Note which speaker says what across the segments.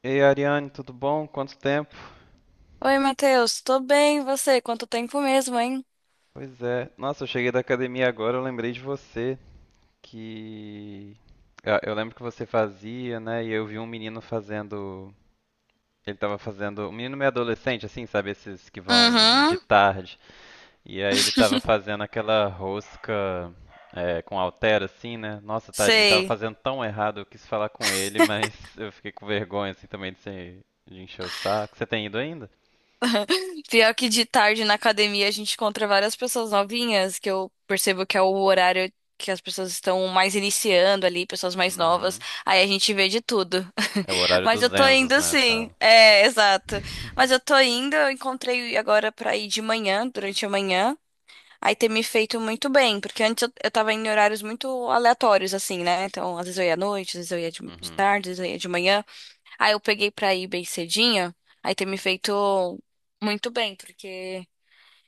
Speaker 1: Ei, Ariane, tudo bom? Quanto tempo?
Speaker 2: Oi, Matheus, tô bem, e você? Quanto tempo mesmo, hein?
Speaker 1: Pois é. Nossa, eu cheguei da academia agora, eu lembrei de você, que eu lembro que você fazia, né? E eu vi um menino fazendo, ele tava fazendo, um menino meio adolescente assim, sabe, esses que vão de
Speaker 2: Uhum,
Speaker 1: tarde. E aí ele tava fazendo aquela rosca é, com altera assim, né? Nossa, tadinho, tava
Speaker 2: sei.
Speaker 1: fazendo tão errado, eu quis falar com ele, mas eu fiquei com vergonha assim também de, ser, de encher o saco. Você tem ido ainda?
Speaker 2: Pior que de tarde na academia a gente encontra várias pessoas novinhas, que eu percebo que é o horário que as pessoas estão mais iniciando ali, pessoas mais novas.
Speaker 1: Uhum.
Speaker 2: Aí a gente vê de tudo.
Speaker 1: É o horário
Speaker 2: Mas eu
Speaker 1: dos
Speaker 2: tô
Speaker 1: Enzos,
Speaker 2: indo
Speaker 1: né?
Speaker 2: sim.
Speaker 1: Fala.
Speaker 2: É, exato. Mas eu tô indo, eu encontrei agora pra ir de manhã, durante a manhã. Aí ter me feito muito bem, porque antes eu tava em horários muito aleatórios, assim, né? Então, às vezes eu ia à noite, às vezes eu ia de
Speaker 1: Uhum,
Speaker 2: tarde, às vezes eu ia de manhã. Aí eu peguei pra ir bem cedinha, aí ter me feito muito bem, porque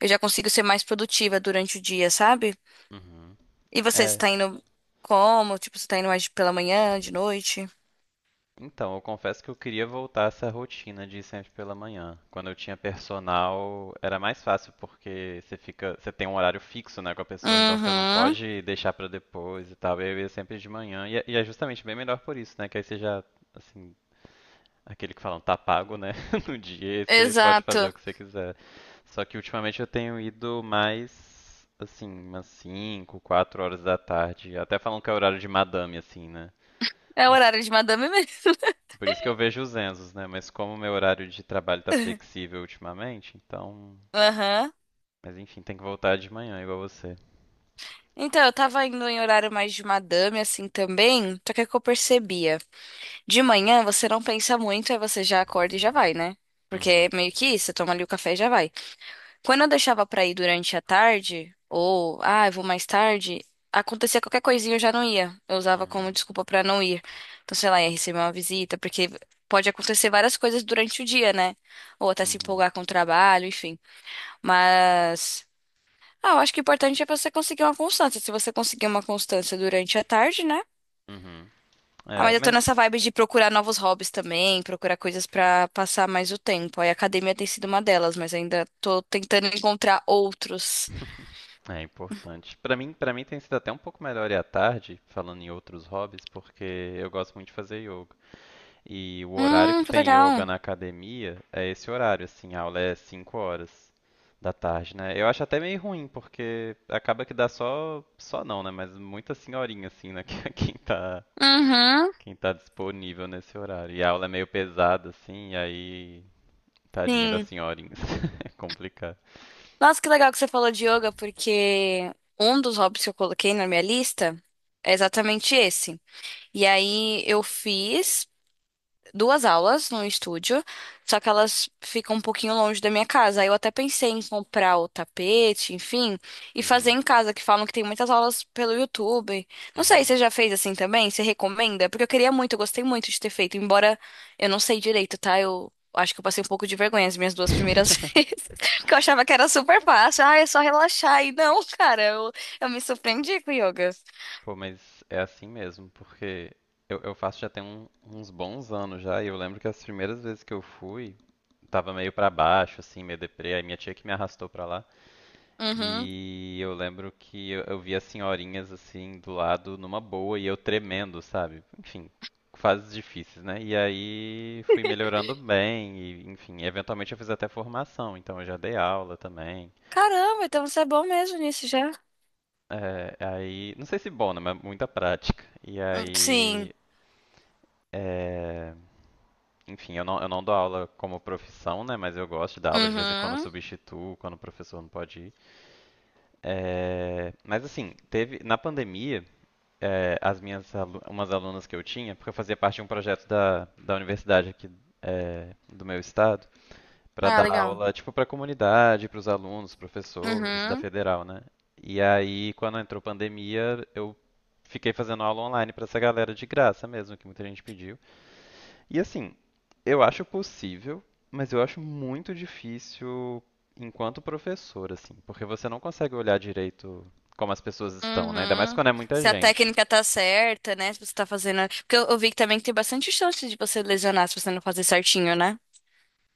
Speaker 2: eu já consigo ser mais produtiva durante o dia, sabe?
Speaker 1: uhum.
Speaker 2: E você
Speaker 1: É,
Speaker 2: tá indo como? Tipo, você tá indo mais pela manhã, de noite?
Speaker 1: então, eu confesso que eu queria voltar a essa rotina de ir sempre pela manhã. Quando eu tinha personal, era mais fácil porque você fica, você tem um horário fixo, né, com a pessoa, então você não
Speaker 2: Uhum,
Speaker 1: pode deixar pra depois e tal. Eu ia sempre de manhã e é justamente bem melhor por isso, né, que aí você já, assim, aquele que falam, tá pago, né? No dia, e você pode fazer
Speaker 2: exato.
Speaker 1: o que você quiser. Só que ultimamente eu tenho ido mais, assim, umas 5 4 horas da tarde. Até falam que é horário de madame, assim, né?
Speaker 2: É o
Speaker 1: Mas
Speaker 2: horário de madame mesmo.
Speaker 1: por isso que eu vejo os Enzos, né? Mas como o meu horário de trabalho tá flexível ultimamente, então.
Speaker 2: Aham.
Speaker 1: Mas enfim, tem que voltar de manhã, igual você.
Speaker 2: Então, eu tava indo em horário mais de madame, assim, também, só que é o que eu percebia? De manhã você não pensa muito, aí você já acorda e já vai, né? Porque
Speaker 1: Uhum,
Speaker 2: é meio que isso, você toma ali o café e já vai. Quando eu deixava pra ir durante a tarde, ou, ah, eu vou mais tarde, acontecia qualquer coisinha eu já não ia. Eu usava como
Speaker 1: uhum,
Speaker 2: desculpa pra não ir. Então, sei lá, ia receber uma visita, porque pode acontecer várias coisas durante o dia, né? Ou até se
Speaker 1: uhum,
Speaker 2: empolgar com o trabalho, enfim. Mas, ah, eu acho que o importante é você conseguir uma constância. Se você conseguir uma constância durante a tarde, né?
Speaker 1: uhum.
Speaker 2: Ah,
Speaker 1: É,
Speaker 2: mas eu tô
Speaker 1: mas.
Speaker 2: nessa vibe de procurar novos hobbies também, procurar coisas pra passar mais o tempo. Aí a academia tem sido uma delas, mas ainda tô tentando encontrar outros.
Speaker 1: É importante. Pra mim, para mim tem sido até um pouco melhor ir à tarde, falando em outros hobbies, porque eu gosto muito de fazer yoga. E o horário que
Speaker 2: Que
Speaker 1: tem yoga
Speaker 2: legal.
Speaker 1: na academia é esse horário, assim, a aula é 5 horas da tarde, né? Eu acho até meio ruim, porque acaba que dá só, só não, né? Mas muita senhorinha, assim, né?
Speaker 2: Uhum,
Speaker 1: Quem tá disponível nesse horário. E a aula é meio pesada, assim, e aí, tadinha das
Speaker 2: sim.
Speaker 1: senhorinhas. É complicado.
Speaker 2: Nossa, que legal que você falou de yoga, porque um dos hobbies que eu coloquei na minha lista é exatamente esse. E aí eu fiz duas aulas no estúdio, só que elas ficam um pouquinho longe da minha casa. Aí eu até pensei em comprar o tapete, enfim, e fazer
Speaker 1: Uhum,
Speaker 2: em casa, que falam que tem muitas aulas pelo YouTube. Não sei,
Speaker 1: uhum.
Speaker 2: você já fez assim também? Você recomenda? Porque eu queria muito, eu gostei muito de ter feito, embora eu não sei direito, tá? Eu acho que eu passei um pouco de vergonha as minhas duas primeiras vezes, porque eu achava que era super fácil. Ah, é só relaxar. E não, cara, eu me surpreendi com o yoga.
Speaker 1: Pô, mas é assim mesmo, porque eu faço já tem uns bons anos já, e eu lembro que as primeiras vezes que eu fui, tava meio pra baixo, assim, meio deprê, aí minha tia que me arrastou pra lá,
Speaker 2: Uhum.
Speaker 1: e eu lembro que eu vi as senhorinhas, assim, do lado, numa boa, e eu tremendo, sabe? Enfim, fases difíceis, né? E aí fui melhorando bem, e enfim, eventualmente eu fiz até formação, então eu já dei aula também.
Speaker 2: Caramba, então você é bom mesmo nisso já.
Speaker 1: É, aí, não sei se bom, né? Mas muita prática. E
Speaker 2: Sim.
Speaker 1: aí, é, enfim, eu não dou aula como profissão, né? Mas eu gosto de dar aula, de vez em quando eu
Speaker 2: Uhum.
Speaker 1: substituo, quando o professor não pode ir. É, mas assim, teve na pandemia, é, as minhas umas alunas que eu tinha, porque eu fazia parte de um projeto da, da universidade aqui é, do meu estado, para
Speaker 2: Ah,
Speaker 1: dar
Speaker 2: legal.
Speaker 1: aula tipo para a comunidade, para os alunos, professores da
Speaker 2: Uhum,
Speaker 1: federal, né? E aí, quando entrou pandemia, eu fiquei fazendo aula online para essa galera de graça mesmo, que muita gente pediu. E assim, eu acho possível, mas eu acho muito difícil enquanto professor, assim, porque você não consegue olhar direito como as pessoas estão, né? Ainda mais
Speaker 2: uhum.
Speaker 1: quando é muita
Speaker 2: Se a
Speaker 1: gente.
Speaker 2: técnica tá certa, né? Se você tá fazendo. Porque eu vi que também tem bastante chance de você lesionar se você não fazer certinho, né?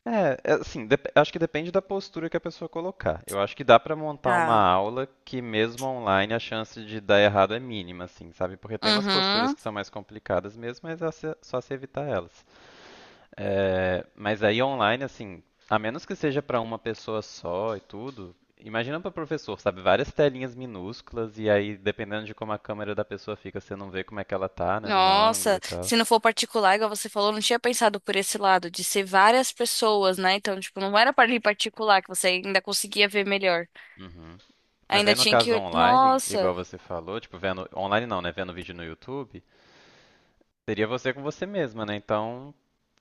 Speaker 1: É, é, assim, acho que depende da postura que a pessoa colocar. Eu acho que dá pra montar uma
Speaker 2: Ah,
Speaker 1: aula que mesmo online a chance de dar errado é mínima, assim, sabe? Porque tem umas posturas
Speaker 2: uhum.
Speaker 1: que são mais complicadas mesmo, mas é só se evitar elas. É, mas aí online, assim, a menos que seja para uma pessoa só e tudo, imagina para professor, sabe? Várias telinhas minúsculas e aí, dependendo de como a câmera da pessoa fica, você não vê como é que ela tá, né, no ângulo
Speaker 2: Nossa,
Speaker 1: e tal.
Speaker 2: se não for particular, igual você falou, eu não tinha pensado por esse lado, de ser várias pessoas, né? Então, tipo, não era para ir particular que você ainda conseguia ver melhor.
Speaker 1: Uhum. Mas aí
Speaker 2: Ainda
Speaker 1: no
Speaker 2: tinha
Speaker 1: caso
Speaker 2: que.
Speaker 1: online, igual
Speaker 2: Nossa,
Speaker 1: você falou, tipo, vendo. Online não, né? Vendo vídeo no YouTube, seria você com você mesma, né? Então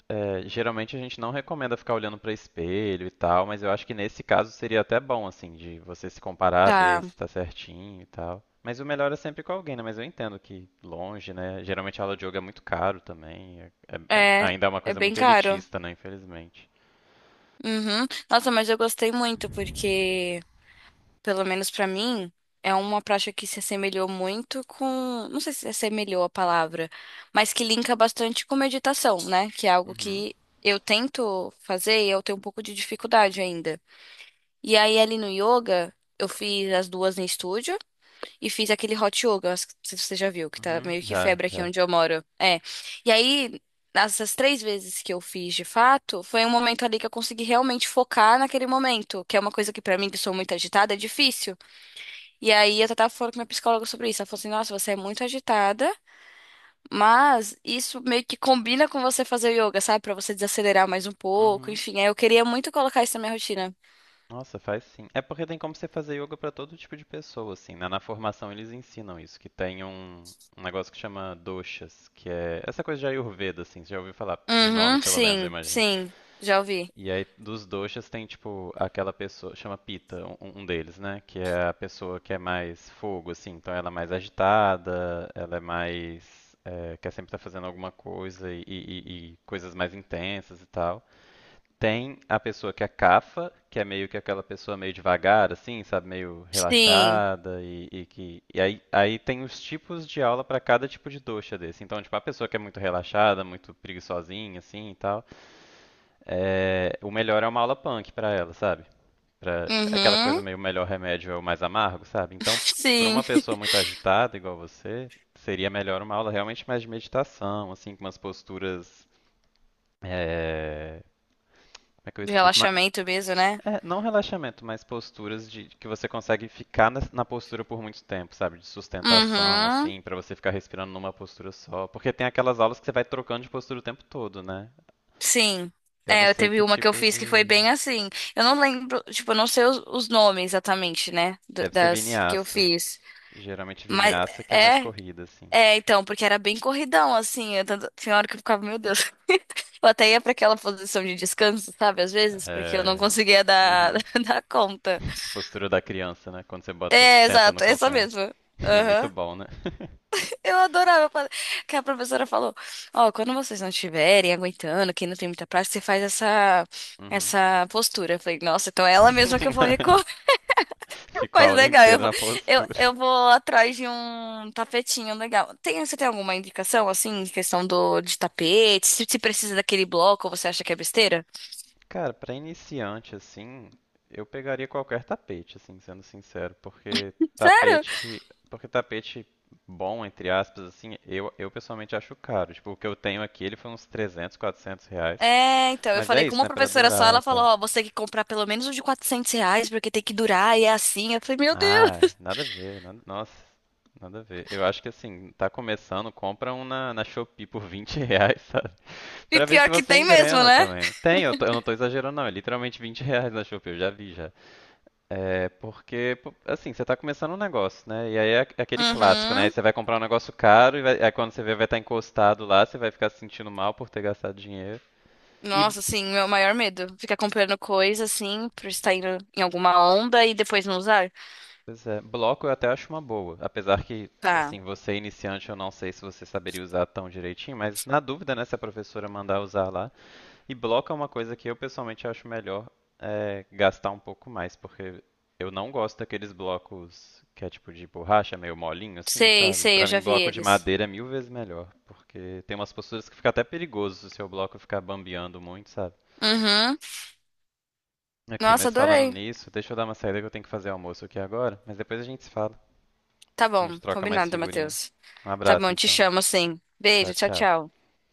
Speaker 1: é, geralmente a gente não recomenda ficar olhando para espelho e tal, mas eu acho que nesse caso seria até bom, assim, de você se comparar, ver
Speaker 2: tá.
Speaker 1: se está certinho e tal. Mas o melhor é sempre com alguém, né? Mas eu entendo que longe, né? Geralmente a aula de yoga é muito caro também,
Speaker 2: É,
Speaker 1: ainda é uma
Speaker 2: é
Speaker 1: coisa
Speaker 2: bem
Speaker 1: muito
Speaker 2: caro.
Speaker 1: elitista, né? Infelizmente.
Speaker 2: Uhum. Nossa, mas eu gostei muito, porque, pelo menos pra mim, é uma prática que se assemelhou muito com, não sei se assemelhou a palavra, mas que linka bastante com meditação, né? Que é algo
Speaker 1: Uhum,
Speaker 2: que eu tento fazer e eu tenho um pouco de dificuldade ainda. E aí ali no yoga, eu fiz as duas em estúdio e fiz aquele hot yoga, acho que- não sei se você já viu, que tá
Speaker 1: uhum,
Speaker 2: meio que
Speaker 1: já,
Speaker 2: febre aqui
Speaker 1: já.
Speaker 2: onde eu moro. É. E aí essas três vezes que eu fiz de fato, foi um momento ali que eu consegui realmente focar naquele momento, que é uma coisa que pra mim, que sou muito agitada, é difícil. E aí eu tava falando com minha psicóloga sobre isso. Ela falou assim, nossa, você é muito agitada, mas isso meio que combina com você fazer yoga, sabe? Pra você desacelerar mais um pouco,
Speaker 1: Uhum.
Speaker 2: enfim. Aí eu queria muito colocar isso na minha rotina.
Speaker 1: Nossa, faz sim. É porque tem como você fazer yoga pra todo tipo de pessoa, assim, né? Na formação eles ensinam isso, que tem um, um negócio que chama doshas, que é essa coisa de Ayurveda, assim, você já ouviu falar de nome,
Speaker 2: Uhum,
Speaker 1: pelo menos, eu
Speaker 2: sim,
Speaker 1: imagino.
Speaker 2: sim. Já ouvi.
Speaker 1: E aí dos doshas tem, tipo, aquela pessoa, chama Pita, um, um deles, né? Que é a pessoa que é mais fogo, assim, então ela é mais agitada, ela é mais... É, quer sempre estar fazendo alguma coisa e, e coisas mais intensas e tal. Tem a pessoa que é cafa, que é meio que aquela pessoa meio devagar, assim, sabe, meio
Speaker 2: Sim.
Speaker 1: relaxada e que e aí, aí tem os tipos de aula para cada tipo de doxa desse. Então, tipo, a pessoa que é muito relaxada, muito preguiçosinha, assim e tal, é, o melhor é uma aula punk para ela, sabe? Pra, é aquela coisa
Speaker 2: Uhum.
Speaker 1: meio melhor remédio é o mais amargo, sabe? Então, para uma
Speaker 2: Sim.
Speaker 1: pessoa muito agitada igual você, seria melhor uma aula realmente mais de meditação, assim, com umas posturas é, como é que eu
Speaker 2: De
Speaker 1: explico? Ma-
Speaker 2: relaxamento mesmo, né?
Speaker 1: é, não relaxamento, mas posturas de que você consegue ficar na, postura por muito tempo, sabe? De sustentação,
Speaker 2: Uhum.
Speaker 1: assim, pra você ficar respirando numa postura só. Porque tem aquelas aulas que você vai trocando de postura o tempo todo, né?
Speaker 2: Sim.
Speaker 1: Eu não
Speaker 2: É, eu
Speaker 1: sei
Speaker 2: teve
Speaker 1: que
Speaker 2: uma que eu
Speaker 1: tipo
Speaker 2: fiz que foi
Speaker 1: de.
Speaker 2: bem assim. Eu não lembro, tipo, eu não sei os nomes exatamente, né?
Speaker 1: Deve ser
Speaker 2: Das que eu
Speaker 1: vinyasa.
Speaker 2: fiz.
Speaker 1: Geralmente
Speaker 2: Mas
Speaker 1: vinyasa que é mais
Speaker 2: é,
Speaker 1: corrida, assim.
Speaker 2: é, então, porque era bem corridão, assim. Tinha hora que eu ficava, meu Deus. Eu até ia pra aquela posição de descanso, sabe, às vezes, porque eu não
Speaker 1: É.
Speaker 2: conseguia
Speaker 1: Uhum.
Speaker 2: dar conta.
Speaker 1: Postura da criança, né? Quando você bota,
Speaker 2: É,
Speaker 1: senta no
Speaker 2: exato, essa
Speaker 1: calcanhar.
Speaker 2: mesmo.
Speaker 1: É muito
Speaker 2: Aham.
Speaker 1: bom, né?
Speaker 2: Eu adorava fa- que a professora falou: Ó, quando vocês não estiverem aguentando, quem não tem muita prática, você faz
Speaker 1: Uhum.
Speaker 2: essa postura. Eu falei: Nossa, então é ela mesma que eu vou.
Speaker 1: Ficou a
Speaker 2: Mas
Speaker 1: aula
Speaker 2: legal, eu
Speaker 1: inteira
Speaker 2: vou,
Speaker 1: na
Speaker 2: eu,
Speaker 1: postura.
Speaker 2: eu vou atrás de um tapetinho legal. Tem, você tem alguma indicação, assim, em questão do, de tapete? Se precisa daquele bloco, ou você acha que é besteira?
Speaker 1: Cara, pra iniciante assim, eu pegaria qualquer tapete, assim, sendo sincero,
Speaker 2: Sério?
Speaker 1: porque tapete bom, entre aspas, assim, eu pessoalmente acho caro. Tipo, o que eu tenho aqui, ele foi uns 300, R$ 400,
Speaker 2: É, então, eu
Speaker 1: mas é
Speaker 2: falei com
Speaker 1: isso,
Speaker 2: uma
Speaker 1: né, pra
Speaker 2: professora só,
Speaker 1: durar e
Speaker 2: ela falou,
Speaker 1: tal.
Speaker 2: ó, você tem que comprar pelo menos um de 400 reais, porque tem que durar, e é assim. Eu falei, meu Deus!
Speaker 1: Ah, nada a ver, nossa, nada a ver. Eu acho que assim, tá começando, compra um na, na Shopee por R$ 20, sabe?
Speaker 2: E
Speaker 1: Pra ver se
Speaker 2: pior que
Speaker 1: você
Speaker 2: tem mesmo,
Speaker 1: engrena
Speaker 2: né?
Speaker 1: também, né? Tem, eu, eu não tô exagerando não, é literalmente R$ 20 na Shopee, eu já vi já. É porque, pô, assim, você tá começando um negócio, né? E aí é aquele clássico, né? Aí
Speaker 2: Uhum.
Speaker 1: você vai comprar um negócio caro e aí quando você vê vai estar encostado lá, você vai ficar se sentindo mal por ter gastado dinheiro. E,
Speaker 2: Nossa, assim, meu maior medo. Ficar comprando coisa, assim, por estar indo em alguma onda e depois não usar.
Speaker 1: pois é, bloco eu até acho uma boa. Apesar que,
Speaker 2: Tá.
Speaker 1: assim, você é iniciante, eu não sei se você saberia usar tão direitinho, mas na dúvida, né? Se a professora mandar usar lá, e bloco é uma coisa que eu pessoalmente acho melhor é, gastar um pouco mais, porque eu não gosto daqueles blocos que é tipo de borracha, meio molinho assim,
Speaker 2: Sei,
Speaker 1: sabe?
Speaker 2: sei, eu
Speaker 1: Pra
Speaker 2: já
Speaker 1: mim,
Speaker 2: vi
Speaker 1: bloco de
Speaker 2: eles.
Speaker 1: madeira é 1.000 vezes melhor, porque tem umas posturas que fica até perigoso se o seu bloco ficar bambeando muito, sabe?
Speaker 2: Uhum.
Speaker 1: Aqui,
Speaker 2: Nossa,
Speaker 1: mas falando
Speaker 2: adorei.
Speaker 1: nisso, deixa eu dar uma saída que eu tenho que fazer almoço aqui agora, mas depois a gente se fala.
Speaker 2: Tá
Speaker 1: A
Speaker 2: bom,
Speaker 1: gente troca mais
Speaker 2: combinado,
Speaker 1: figurinha.
Speaker 2: Matheus.
Speaker 1: Um
Speaker 2: Tá
Speaker 1: abraço
Speaker 2: bom, te
Speaker 1: então.
Speaker 2: chamo sim.
Speaker 1: Tchau,
Speaker 2: Beijo, tchau,
Speaker 1: tchau.
Speaker 2: tchau.